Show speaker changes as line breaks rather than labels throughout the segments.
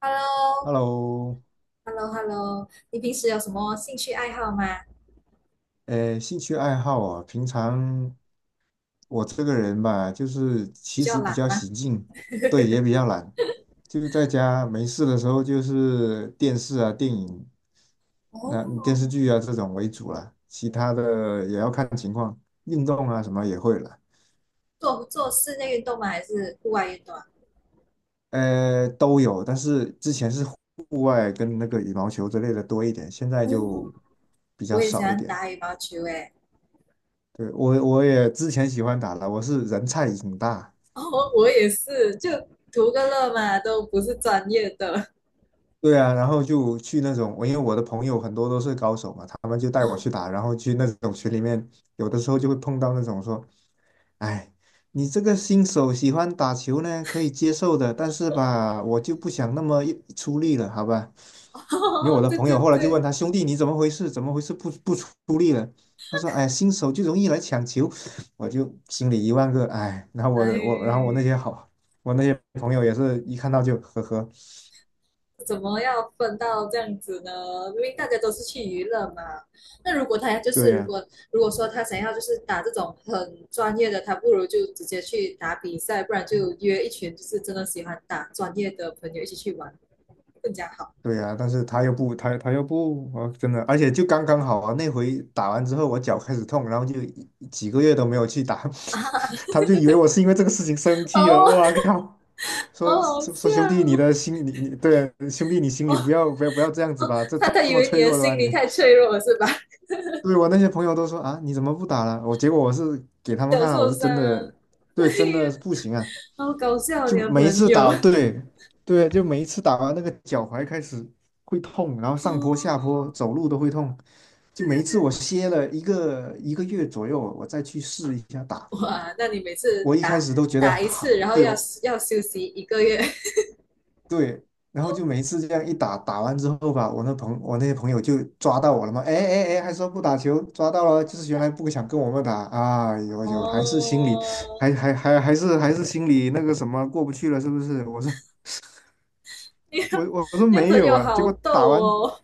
h e l l o
Hello，
h e l l o h e l l o 你平时有什么兴趣爱好吗？
兴趣爱好啊，平常我这个人吧，就是
比
其
较
实比
懒
较
吗？
喜静，对，也比较懒，就是在家没事的时候，就是电视啊、电影、那电视
哦，
剧啊这种为主了，其他的也要看情况，运动啊什么也会了，
做做室内运动吗？还是户外运动啊？
都有，但是之前是户外跟那个羽毛球之类的多一点，现在
哦，
就比较
我也喜
少一
欢
点。
打羽毛球诶。
对，我也之前喜欢打了，我是人菜瘾大。
哦，我也是，就图个乐嘛，都不是专业的。
对啊，然后就去那种，我因为我的朋友很多都是高手嘛，他们就带我去打，然后去那种群里面，有的时候就会碰到那种说，哎，你这个新手喜欢打球呢，可以接受的，但是吧，我就不想那么一出力了，好吧？因为我
哦，
的
对
朋友
对
后来就
对，
问他兄弟，你怎么回事？怎么回事不出力了？他说，哎，新手就容易来抢球，我就心里一万个哎。然后我然后我
哎，
那些好，我那些朋友也是一看到就呵呵，
怎么要分到这样子呢？明明大家都是去娱乐嘛。那
对呀、
如果说他想要就是打这种很专业的，他不如就直接去打比赛，不然就约一群就是真的喜欢打专业的朋友一起去玩，更加好。
对呀、但是他又不，他又不，我真的，而且就刚刚好啊，那回打完之后，我脚开始痛，然后就几个月都没有去打，他们就以为我是因为这个事情生气了，
哦，
我靠，
好
说
好
说说
笑
兄弟，你
哦！
的心里，你对啊兄弟，你心
哦，
里不要这样子吧，这
他
这
他以
么
为
脆
你的
弱的吧
心理
你，
太脆弱了是吧？
对我那些朋友都说啊，你怎么不打了？结果我是给他们
小
看了，我
受
是
伤，
真的，对，真
对呀，
的是不行啊。
啊好搞笑啊你
就
的
每一
朋
次
友。
打，对对，就每一次打完那个脚踝开始会痛，然后
哦，
上坡下坡走路都会痛，就
对呀、
每
啊
一
对
次
呀、
我歇了一个月左右，我再去试一下打，
哇，那你每次
我一开
打
始都觉得
打一次，
哈，
然后
对
要
哦
要休息一个月。
对，然后就每一次这样一打，打完之后吧，我那些朋友就抓到我了嘛，哎哎哎，还说不打球，抓到了，就是原来不想跟我们打啊，有，还是心里
哦，
还是心里那个什么过不去了，是不是？我说
你
我
的
我我说
你的
没
朋
有
友
啊，结
好
果
逗
打完，
哦。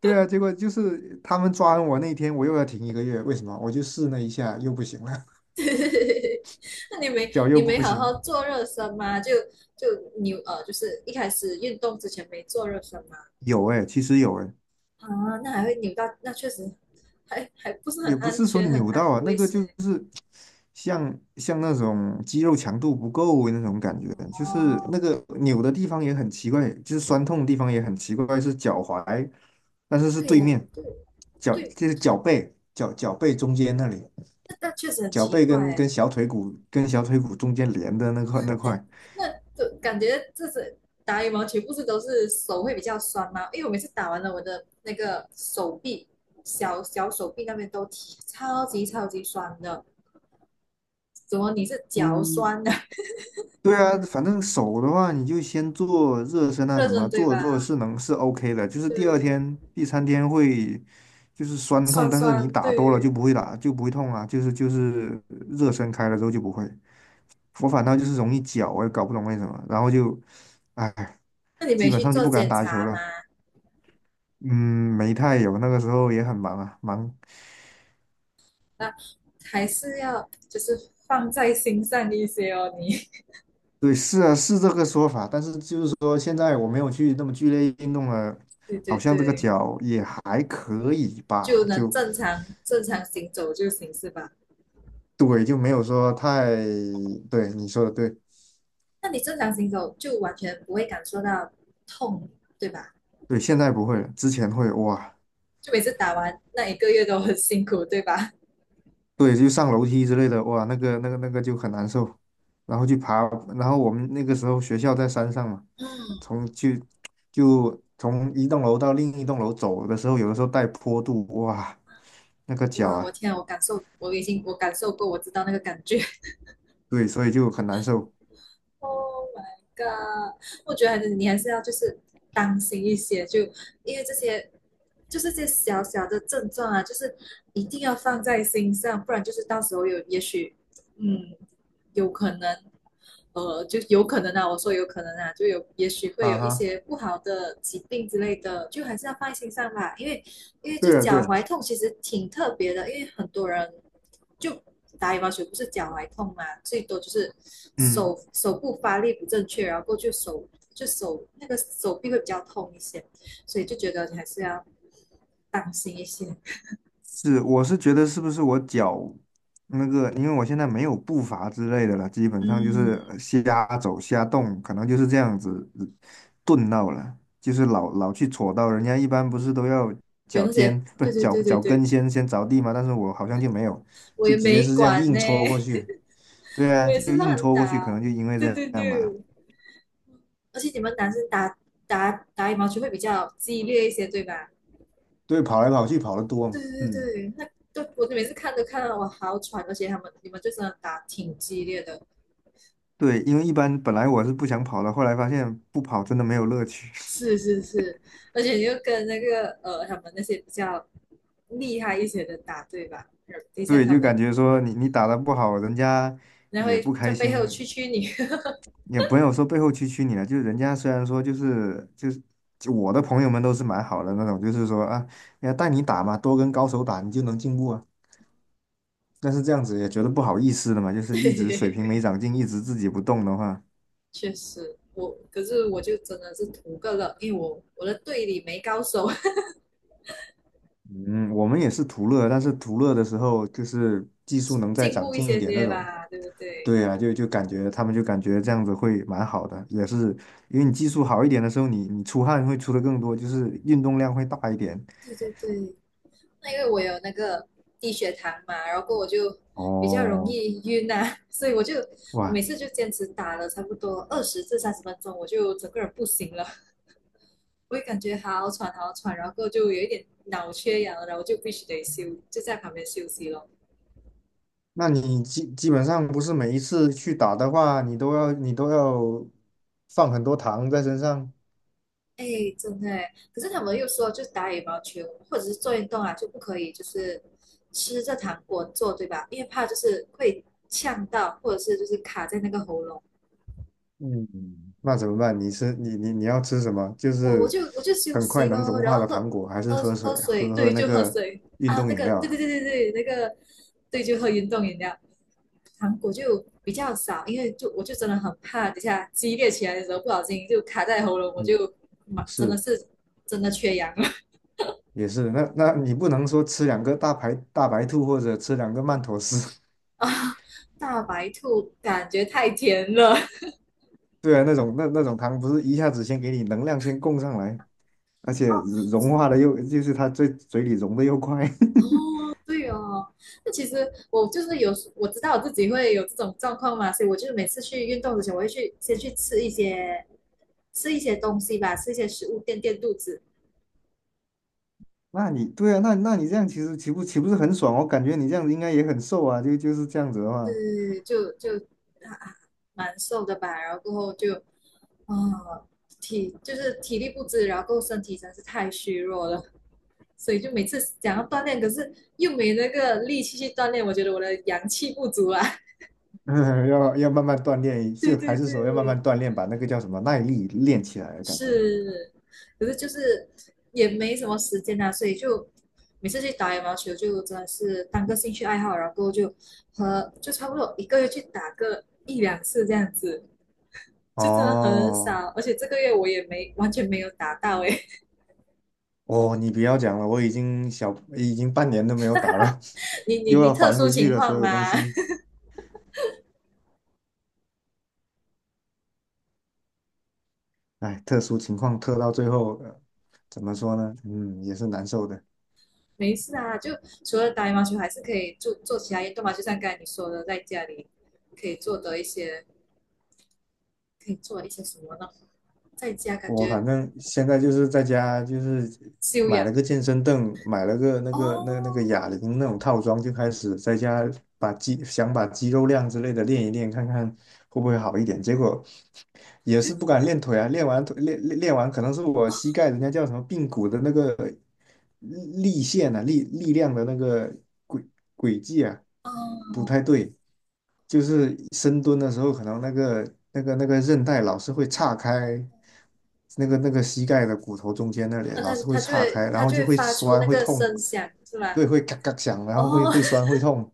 对啊，结果就是他们抓完我那天，我又要停一个月，为什么？我就试了一下，又不行了，
那你 没
脚又
你没
不
好好
行。
做热身吗？就就是一开始运动之前没做热身吗？
有哎、其实有哎、
啊，那还会扭到，那确实还不是很
也不
安
是说
全，
扭到
很
啊，那
危
个就
险。
是像那种肌肉强度不够那种感觉，就是
哦，
那个扭的地方也很奇怪，就是酸痛的地方也很奇怪，是脚踝，但是是
对
对
耶，
面
对
脚，
对，
就是脚背，脚背中间那里。
那确实很
脚
奇
背
怪
跟
耶。
跟小腿骨跟小腿骨中间连的那块那块。
那就感觉这是打羽毛球，不是都是手会比较酸吗？因为我每次打完了，我的那个手臂、小手臂那边都提超级超级酸的。怎么你是脚
嗯，
酸的？
对啊，反正手的话，你就先做热身 啊，
热
什么
身对
做
吧？
着做着是 OK 的，就是第二
对，
天、第三天会就是酸
酸
痛，但是你
酸
打多了
对。
就不会痛啊，就是热身开了之后就不会。我反倒就是容易脚啊，我也搞不懂为什么，然后就，哎，
那你
基
没
本
去
上就
做
不敢
检
打球
查
了。
吗？
嗯，没太有，那个时候也很忙啊，忙
那还是要就是放在心上一些哦，你
对，是啊，是这个说法，但是就是说，现在我没有去那么剧烈运动了，
对
好
对
像这个
对，
脚也还可以
就
吧，
能
就
正常行走就行是吧？
对，就没有说太，对，你说的对，
那你正常行走就完全不会感受到痛，对吧？
对，现在不会了，之前会，哇，
就每次打完那一个月都很辛苦，对吧？
对，就上楼梯之类的，哇，那个就很难受，然后去爬，然后我们那个时候学校在山上嘛，
嗯，
从去就从一栋楼到另一栋楼走的时候，有的时候带坡度，哇，那个脚
哇，我
啊，
天啊我感受过，我知道那个感觉。
对，所以就很难受，
Oh my god！我觉得还是你还是要就是当心一些，就因为这些就是这些小小的症状啊，就是一定要放在心上，不然就是到时候有也许嗯有可能就有可能啊，我说有可能啊，就有也许会
啊
有一
哈。
些不好的疾病之类的，就还是要放在心上吧。因为这
对啊，
脚
对啊，
踝痛其实挺特别的，因为很多人就打羽毛球不是脚踝痛嘛，最多就是
嗯，
手部发力不正确，然后过去手就手那个手臂会比较痛一些，所以就觉得你还是要当心一些。
是，我是觉得是不是我脚那个，因为我现在没有步伐之类的了，基本上就是
嗯，
瞎走瞎动，可能就是这样子顿到了，就是老去戳到，人家一般不是都要
有
脚
那些
尖，不
对
是
对
脚
对对
脚
对，
跟先着地吗？但是我好像就没有，
我
就
也
直接
没
是这样
管
硬
呢，
戳过去。对 啊，
我也
就
是
硬
乱
戳
打。
过去，可能就因为这
对对
样吧。
对。而且你们男生打羽毛球会比较激烈一些，对吧？
对，跑来跑去跑得多
对
嘛
对
嗯，
对，那对我每次看都看到我好喘，而且他们你们就真的打挺激烈的，
对，因为一般本来我是不想跑的，后来发现不跑真的没有乐趣。
是是是，而且你就跟那个他们那些比较厉害一些的打，对吧？等一下
对，
他
就
们
感觉说你打的不好，人家
然后
也不
会在
开
背后蛐
心，
蛐你，
也不友说背后蛐蛐你了。就是人家虽然说就我的朋友们都是蛮好的那种，就是说啊，要带你打嘛，多跟高手打，你就能进步啊。但是这样子也觉得不好意思的嘛，就 是一直水平没
对，
长进，一直自己不动的话，
确实。我可是我就真的是图个乐，因为我的队里没高手，
嗯，我们也是图乐，但是图乐的时候就是技术 能再
进
长
步一
进一
些
点那
些
种，
吧，对不对？
对啊，就感觉这样子会蛮好的，也是因为你技术好一点的时候，你出汗会出的更多，就是运动量会大一点。
对对对，那因为我有那个低血糖嘛，然后我就比较容
哦，
易晕啊，所以我每
哇，
次就坚持打了差不多20至30分钟，我就整个人不行了，我也感觉好喘好喘，然后就有一点脑缺氧，然后就必须得休，就在旁边休息咯。
那你基本上不是每一次去打的话，你都要放很多糖在身上，
哎，真的诶，可是他们又说，就是打羽毛球或者是做运动啊，就不可以就是吃着糖果做，对吧？因为怕就是会呛到，或者是就是卡在那个喉咙。
嗯，那怎么办？你是你你你要吃什么？就
我我
是
就我就休
很快
息
能
咯，
融
然
化
后
的糖果，还是喝水，
喝水，
喝
对，
那
就喝
个
水
运
啊，
动
那
饮
个
料
对对
啊？
对对对，那个对，就喝运动饮料。糖果就比较少，因为就我就真的很怕，等下激烈起来的时候不小心就卡在喉咙，我
嗯
就妈真的
是。
是真的缺氧了
也是，那你不能说吃两个大白兔或者吃两个曼妥思，
啊！大白兔感觉太甜了
对啊，那种糖不是一下子先给你能量先供上来，而且
哦，
融化的又就是它嘴里融的又快，
哦，对哦，那其实我就是有时，我知道我自己会有这种状况嘛，所以我就是每次去运动之前，我会去先去吃一些东西吧，吃一些食物垫垫肚子，
那你对啊，那你这样其实岂不是很爽？我感觉你这样子应该也很瘦啊，就是这样子的话，
对，就就啊啊蛮瘦的吧，然后过后就啊体就是体力不支，然后过后身体真是太虚弱了，所以就每次想要锻炼，可是又没那个力气去锻炼，我觉得我的阳气不足啊，
要慢慢锻炼，
对
就
对
还是说要慢
对，
慢锻炼，把那个叫什么耐力练起来的感觉。
是，可是就是也没什么时间啊，所以就每次去打羽毛球就真的是当个兴趣爱好，然后就和就差不多一个月去打个一两次这样子，就真的很
哦，
少。而且这个月我也没完全没有打到诶，
哦，你不要讲了，我已经小，已经半年都没有打了，
你你
又
你
要
特
还
殊
回去
情
了所
况
有东
吗？
西。哎，特殊情况特到最后，怎么说呢？嗯，也是难受的。
没事啊，就除了打羽毛球，还是可以做做其他运动嘛，就像刚才你说的，在家里可以做的一些可以做一些什么呢？在家感
我
觉
反正现在就是在家，就是
修
买
养
了个健身凳，买了个那个那个哑
哦，
铃那种套装，就开始在家把肌肉量之类的练一练，看看会不会好一点。结果也是不敢练腿啊，练完腿练完，可能是我膝盖人家叫什么髌骨的那个力力线啊，力量的那个轨轨迹啊，不
哦，
太对，就是深蹲的时候，可能那个韧带老是会岔开，那个膝盖的骨头中间那里
那
老是会岔开，然
他
后
就
就
会
会
发出
酸
那
会
个
痛，
声响，是吧？
对，会嘎嘎响，然后会
哦
会酸 会痛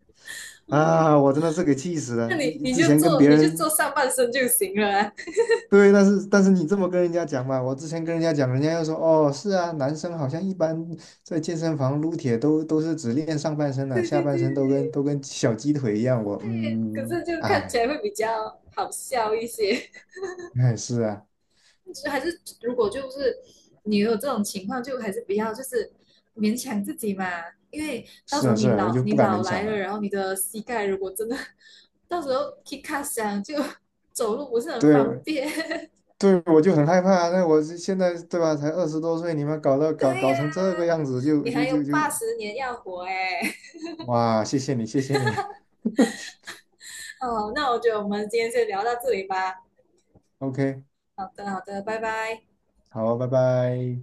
哦，
啊，我真的是给气死
那
了，一之前跟别
你就做
人
上半身就行了啊。
对，但是你这么跟人家讲嘛，我之前跟人家讲，人家又说哦，是啊，男生好像一般在健身房撸铁都是只练上半身的，
对
下
对
半
对，
身都跟小鸡腿一样。我
对，可
嗯，
是就看起
哎
来会比较好笑一些。
哎，是啊
就还是如果就是你有这种情况，就还是不要就是勉强自己嘛，因为到
是
时候
啊是啊，我就
你
不敢
老
勉
来
强
了，
了。
然后你的膝盖如果真的 到时候 k i 响就 走路不是很方
对
便。
对，我就很害怕啊那我是现在对吧，才20多岁，你们搞到 搞
对
搞
呀、
成这个样子就
你
就
还有
就
八
就，
十年要活哎、欸
哇，谢谢你谢谢你
哦，那我觉得我们今天就聊到这里吧。
，OK，
好的，好的，拜拜。
好，拜拜。